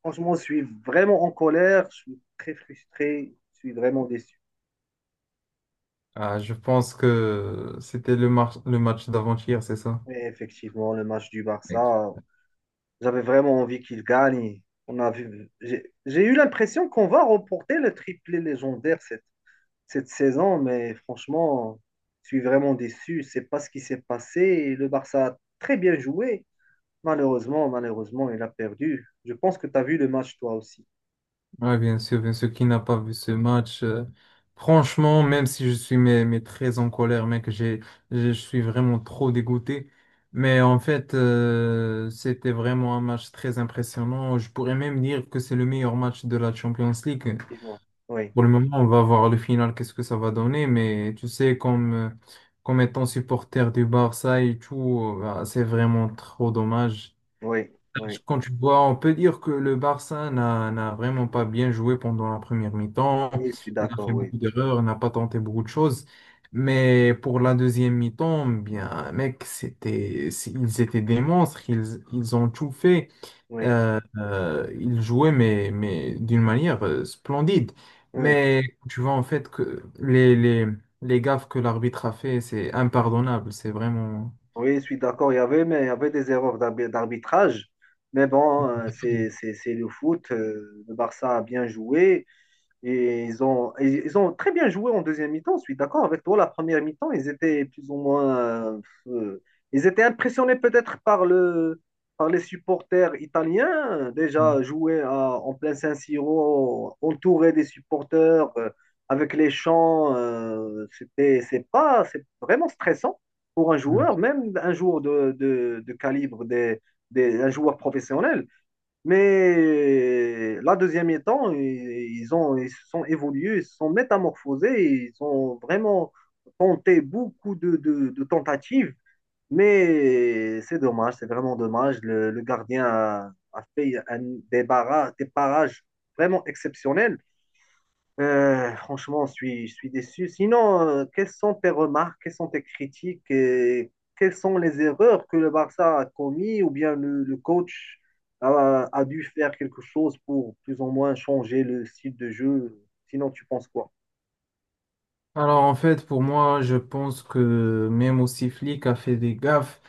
Franchement, je suis vraiment en colère, je suis très frustré, je suis vraiment déçu. Ah, je pense que c'était le match d'avant-hier, c'est ça? Mais effectivement, le match du Barça, j'avais vraiment envie qu'il gagne. On a vu, j'ai eu l'impression qu'on va remporter le triplé légendaire cette saison, mais franchement, je suis vraiment déçu. C'est pas ce qui s'est passé. Et Le Barça a très bien joué. Malheureusement, malheureusement, il a perdu. Je pense que tu as vu le match toi aussi. Oui, bien sûr, qui n'a pas vu ce match. Franchement, même si je suis mais très en colère, mec, je suis vraiment trop dégoûté. Mais en fait, c'était vraiment un match très impressionnant. Je pourrais même dire que c'est le meilleur match de la Champions League. Effectivement. Oui, Pour le moment, on va voir le final, qu'est-ce que ça va donner. Mais tu sais, comme étant supporter du Barça et tout, bah, c'est vraiment trop dommage. oui, oui. Quand tu vois, on peut dire que le Barça n'a vraiment pas bien joué pendant la première mi-temps. Oui, je suis Il a d'accord, fait oui. beaucoup d'erreurs, il n'a pas tenté beaucoup de choses. Mais pour la deuxième mi-temps, bien, mec, c'est- ils étaient des monstres. Ils ont tout fait. Oui, Ils jouaient, mais d'une manière splendide. oui. Mais tu vois, en fait, que les gaffes que l'arbitre a fait, c'est impardonnable. C'est vraiment. Oui, je suis d'accord. Il y avait, mais il y avait des erreurs d'arbitrage. Mais bon, c'est le foot. Le Barça a bien joué. Et ils ont très bien joué en deuxième mi-temps, je suis d'accord avec toi. La première mi-temps, ils étaient plus ou moins. euh, Ils étaient impressionnés peut-être par les supporters italiens. Déjà, en plein San-Siro, entouré des supporters, avec les chants, c'est pas, c'est vraiment stressant pour un joueur, même un joueur de calibre un joueur professionnel. Mais la deuxième mi-temps, ils se sont évolués, ils se sont métamorphosés, ils ont vraiment tenté beaucoup de tentatives. Mais c'est dommage, c'est vraiment dommage. Le gardien a fait des, des parages vraiment exceptionnels. Franchement, je suis déçu. Sinon, quelles sont tes remarques, quelles sont tes critiques et quelles sont les erreurs que le Barça a commises ou bien le coach a dû faire quelque chose pour plus ou moins changer le style de jeu? Sinon, tu penses quoi? Alors en fait, pour moi, je pense que même aussi flic a fait des gaffes.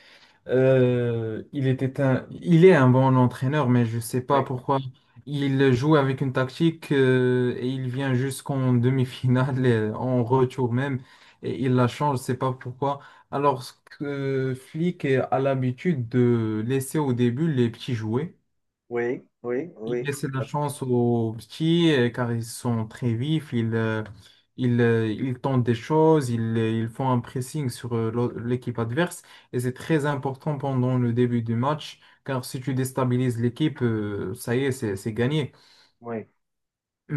Il est un bon entraîneur, mais je sais Oui, pas pourquoi il joue avec une tactique et il vient jusqu'en demi-finale, et en retour même, et il la change. Je sais pas pourquoi. Alors que flic a l'habitude de laisser au début les petits jouer. oui, oui, Il oui, laisse la chance aux petits car ils sont très vifs, ils tentent des choses, ils font un pressing sur l'au- l'équipe adverse et c'est très important pendant le début du match car si tu déstabilises l'équipe, ça y est, c'est gagné. oui,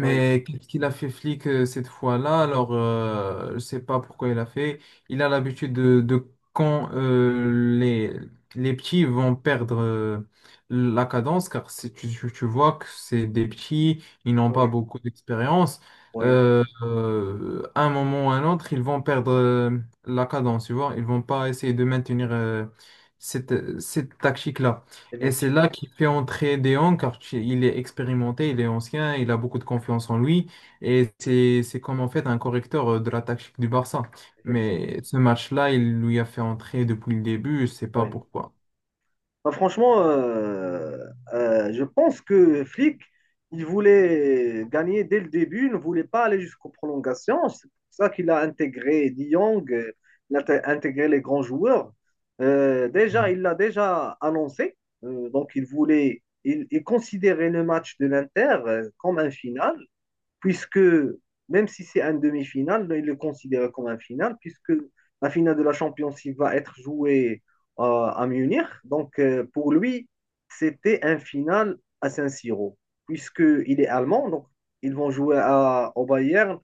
oui, qu'est-ce qu'il a fait flic cette fois-là? Alors, je ne sais pas pourquoi il a fait. Il a l'habitude de quand les, les petits vont perdre la cadence, car c'est- tu vois que c'est des petits, ils n'ont pas oui, beaucoup d'expérience. oui, À un moment ou à un autre, ils vont perdre la cadence, tu vois. Ils vont pas essayer de maintenir cette tactique-là. Et c'est effectivement, là qu'il fait entrer Deon, car tu- il est expérimenté, il est ancien, il a beaucoup de confiance en lui. Et c'est comme en fait un correcteur de la tactique du Barça. effectivement, Mais ce match-là, il lui a fait entrer depuis le début, je sais pas oui. pourquoi. Bah, franchement, je pense que Flick, il voulait gagner dès le début, il ne voulait pas aller jusqu'aux prolongations. C'est pour ça qu'il a intégré De Jong, intégré les grands joueurs. Déjà, Mm. il l'a déjà annoncé. Donc, il considérait le match de l'Inter comme un final puisque même si c'est un demi-finale, il le considère comme un final, puisque la finale de la Champions League va être jouée à Munich. Donc, pour lui, c'était un final à Saint-Siro, puisqu'il est allemand, donc ils vont au Bayern.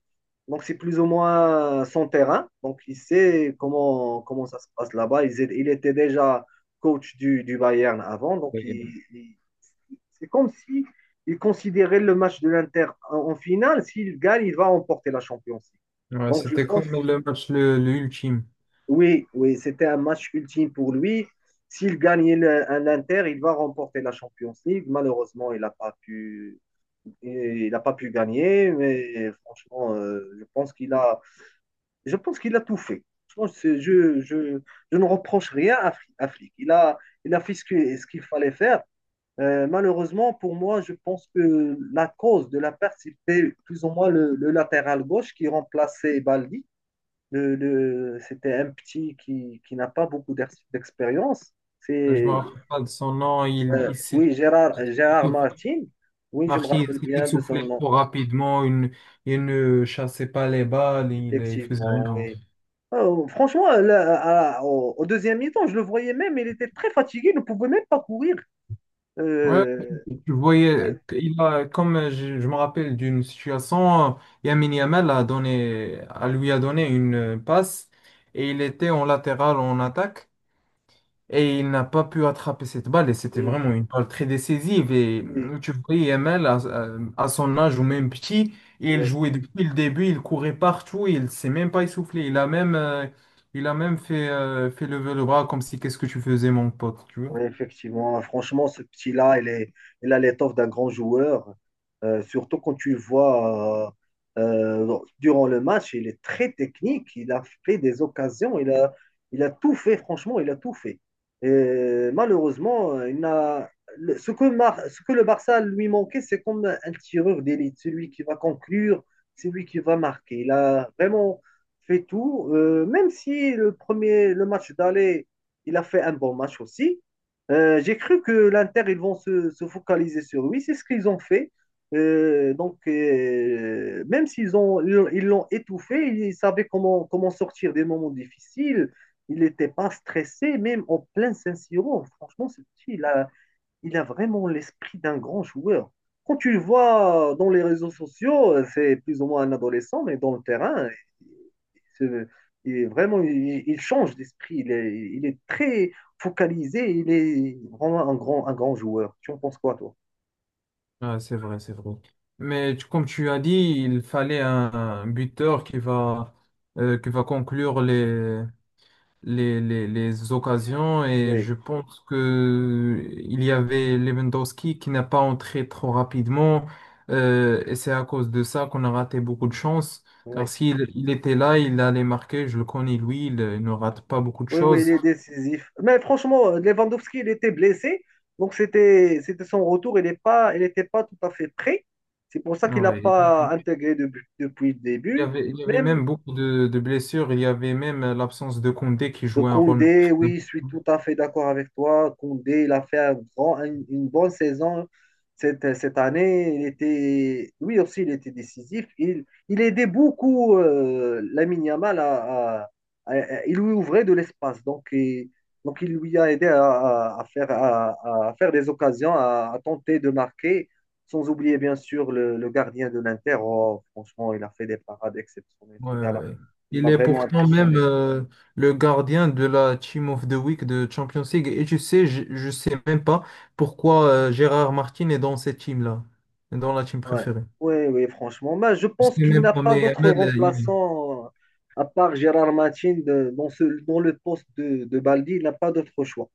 Donc, c'est plus ou moins son terrain. Donc, il sait comment ça se passe là-bas. Il était déjà coach du Bayern avant. Donc, c'est comme si il considérait le match de l'Inter en finale. S'il gagne, il va remporter la Champions League. Ouais, Donc, je c'était pense, comme le match le ultime. oui, oui, c'était un match ultime pour lui. S'il gagnait l'Inter, il va remporter la Champions League. Malheureusement, il n'a pas pu gagner. Mais franchement, je pense qu'il a tout fait. Je, je, je, je ne reproche rien à, Flick. Il a fait ce qu'il fallait faire. Malheureusement, pour moi, je pense que la cause de la perte, c'était plus ou moins le latéral gauche qui remplaçait Baldi. C'était un petit qui n'a pas beaucoup d'expérience. Je me C'est, rappelle pas de son nom. Il s'est oui, Gérard essoufflé. Martin. Oui, je me Martin, il rappelle s'est bien de son essoufflé nom, trop rapidement. Il ne chassait pas les balles. Il faisait rien. effectivement, oui. Franchement, là, au deuxième mi-temps, je le voyais même, il était très fatigué, il ne pouvait même pas courir. Ouais, Euh, tu oui, voyais, comme je me rappelle d'une situation, Yamin Yamal a lui a donné une passe et il était en latéral en attaque. Et il n'a pas pu attraper cette balle et c'était oui, vraiment une balle très décisive. Et oui. Tu vois, à- son âge ou même petit, il Oui. jouait depuis le début, il courait partout, il ne s'est même pas essoufflé. Il a même fait, fait lever le bras comme si qu'est-ce que tu faisais, mon pote, tu vois. Oui, effectivement. Franchement, ce petit-là, il a l'étoffe d'un grand joueur. Surtout quand tu le vois durant le match, il est très technique. Il a fait des occasions. Il a tout fait. Franchement, il a tout fait. Et malheureusement, il n'a, le- ce que, ce que le Barça lui manquait, c'est comme un tireur d'élite. Celui qui va conclure, celui qui va marquer. Il a vraiment fait tout. Même si le match d'aller, il a fait un bon match aussi. J'ai cru que l'Inter, ils vont se focaliser sur lui. C'est ce qu'ils ont fait. Donc, même s'ils ont, ils l'ont étouffé, ils savaient comment sortir des moments difficiles. Il n'était pas stressé, même en plein Saint-Siro. Franchement, ce petit, il a vraiment l'esprit d'un grand joueur. Quand tu le vois dans les réseaux sociaux, c'est plus ou moins un adolescent, mais dans le terrain, c'est- il est vraiment, il change d'esprit. Il est très focalisé. Il est vraiment un grand joueur. Tu en penses quoi, toi? Ah, c'est vrai, c'est vrai. Mais tu- comme tu as dit, il fallait un buteur qui va conclure les. Les occasions et Oui, je pense que il y avait Lewandowski qui n'a pas entré trop rapidement et c'est à cause de ça qu'on a raté beaucoup de chance oui, car s'il il était là, il allait marquer, je le connais lui, il ne rate pas beaucoup de oui, oui, il choses. est décisif. Mais franchement, Lewandowski, il était blessé. Donc, c'était son retour. Il n'était pas tout à fait prêt. C'est pour ça qu'il n'a Ouais, pas depuis le début. Il y avait Même, même beaucoup de blessures, il y avait même l'absence de Koundé qui De jouait un rôle. Koundé, oui, je suis tout à fait d'accord avec toi. Koundé, il a fait une bonne saison cette année. Il était, lui aussi, il était décisif. Il aidait beaucoup Lamine Yamal Il lui ouvrait de l'espace. Donc, il lui a aidé à à faire des occasions, à tenter de marquer. Sans oublier, bien sûr, le gardien de l'Inter. Oh, franchement, il a fait des parades exceptionnelles, Ouais, ce ouais, gars-là. ouais. Il Il m'a est vraiment pourtant même impressionné. Le gardien de la Team of the Week de Champions League. Et tu sais, je sais même pas pourquoi Gérard Martin est dans cette team-là, dans la team Ouais. préférée. Oui, oui, franchement. Mais je Je sais pense qu'il même n'a pas, pas mais d'autre Amel, il... remplaçant, à part Gérard Martin, dans le poste de Baldi, il n'a pas d'autre choix.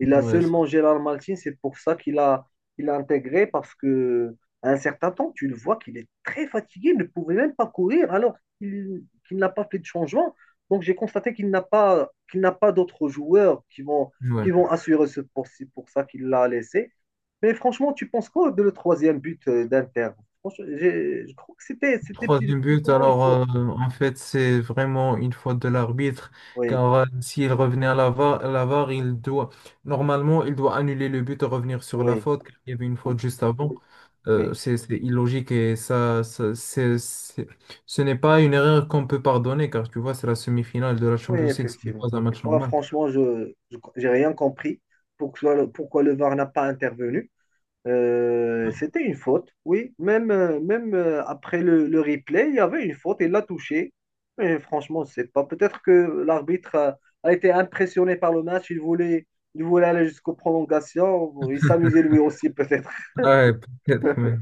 Il a ouais, c'est- seulement Gérard Maltin, c'est pour ça il a intégré, parce que à un certain temps, tu le vois qu'il est très fatigué, il ne pouvait même pas courir, alors qu'il n'a pas fait de changement. Donc j'ai constaté qu'il n'a pas d'autres joueurs qui ouais. vont assurer ce poste. C'est pour ça qu'il l'a laissé. Mais franchement, tu penses quoi de le troisième but d'Inter? Franchement, je crois que c'était plus Troisième plus but, ou moins une alors faute. En fait c'est vraiment une faute de l'arbitre Oui, car s'il revenait à la VAR, à la VAR, il doit normalement il doit annuler le but et revenir sur la oui, faute car il y avait une oui, faute juste avant. oui. Oui. C'est illogique et c'est- ce n'est pas une erreur qu'on peut pardonner car tu vois c'est la semi-finale de la Oui, Champions League, ce n'est effectivement. pas un match Moi, normal. franchement, je n'ai rien compris pourquoi, pourquoi le VAR n'a pas intervenu. C'était une faute, oui. Même, même après le replay, il y avait une faute, il l'a touché. Mais franchement, je sais pas. Peut-être que l'arbitre a été impressionné par le match, il voulait aller jusqu'aux prolongations, il s'amusait lui aussi peut-être. Ouais, peut-être, mais-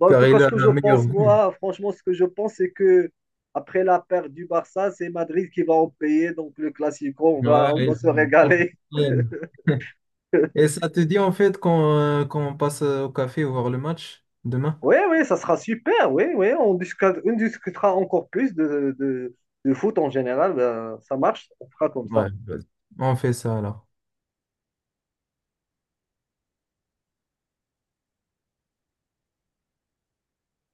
Bon, en tout car cas, il ce a que je la pense, meilleure vue. moi, franchement, ce que je pense, c'est que après la perte du Barça, c'est Madrid qui va en payer. Donc, le Classico, on Ouais, va se régaler. il- Et ça te dit en fait qu'on qu'on passe au café voir le match demain? Oui, oui, ça sera super. Oui, oui, on discutera encore plus de foot en général. Ben, ça marche, on fera comme Ouais, ça. vas-y. On fait ça alors.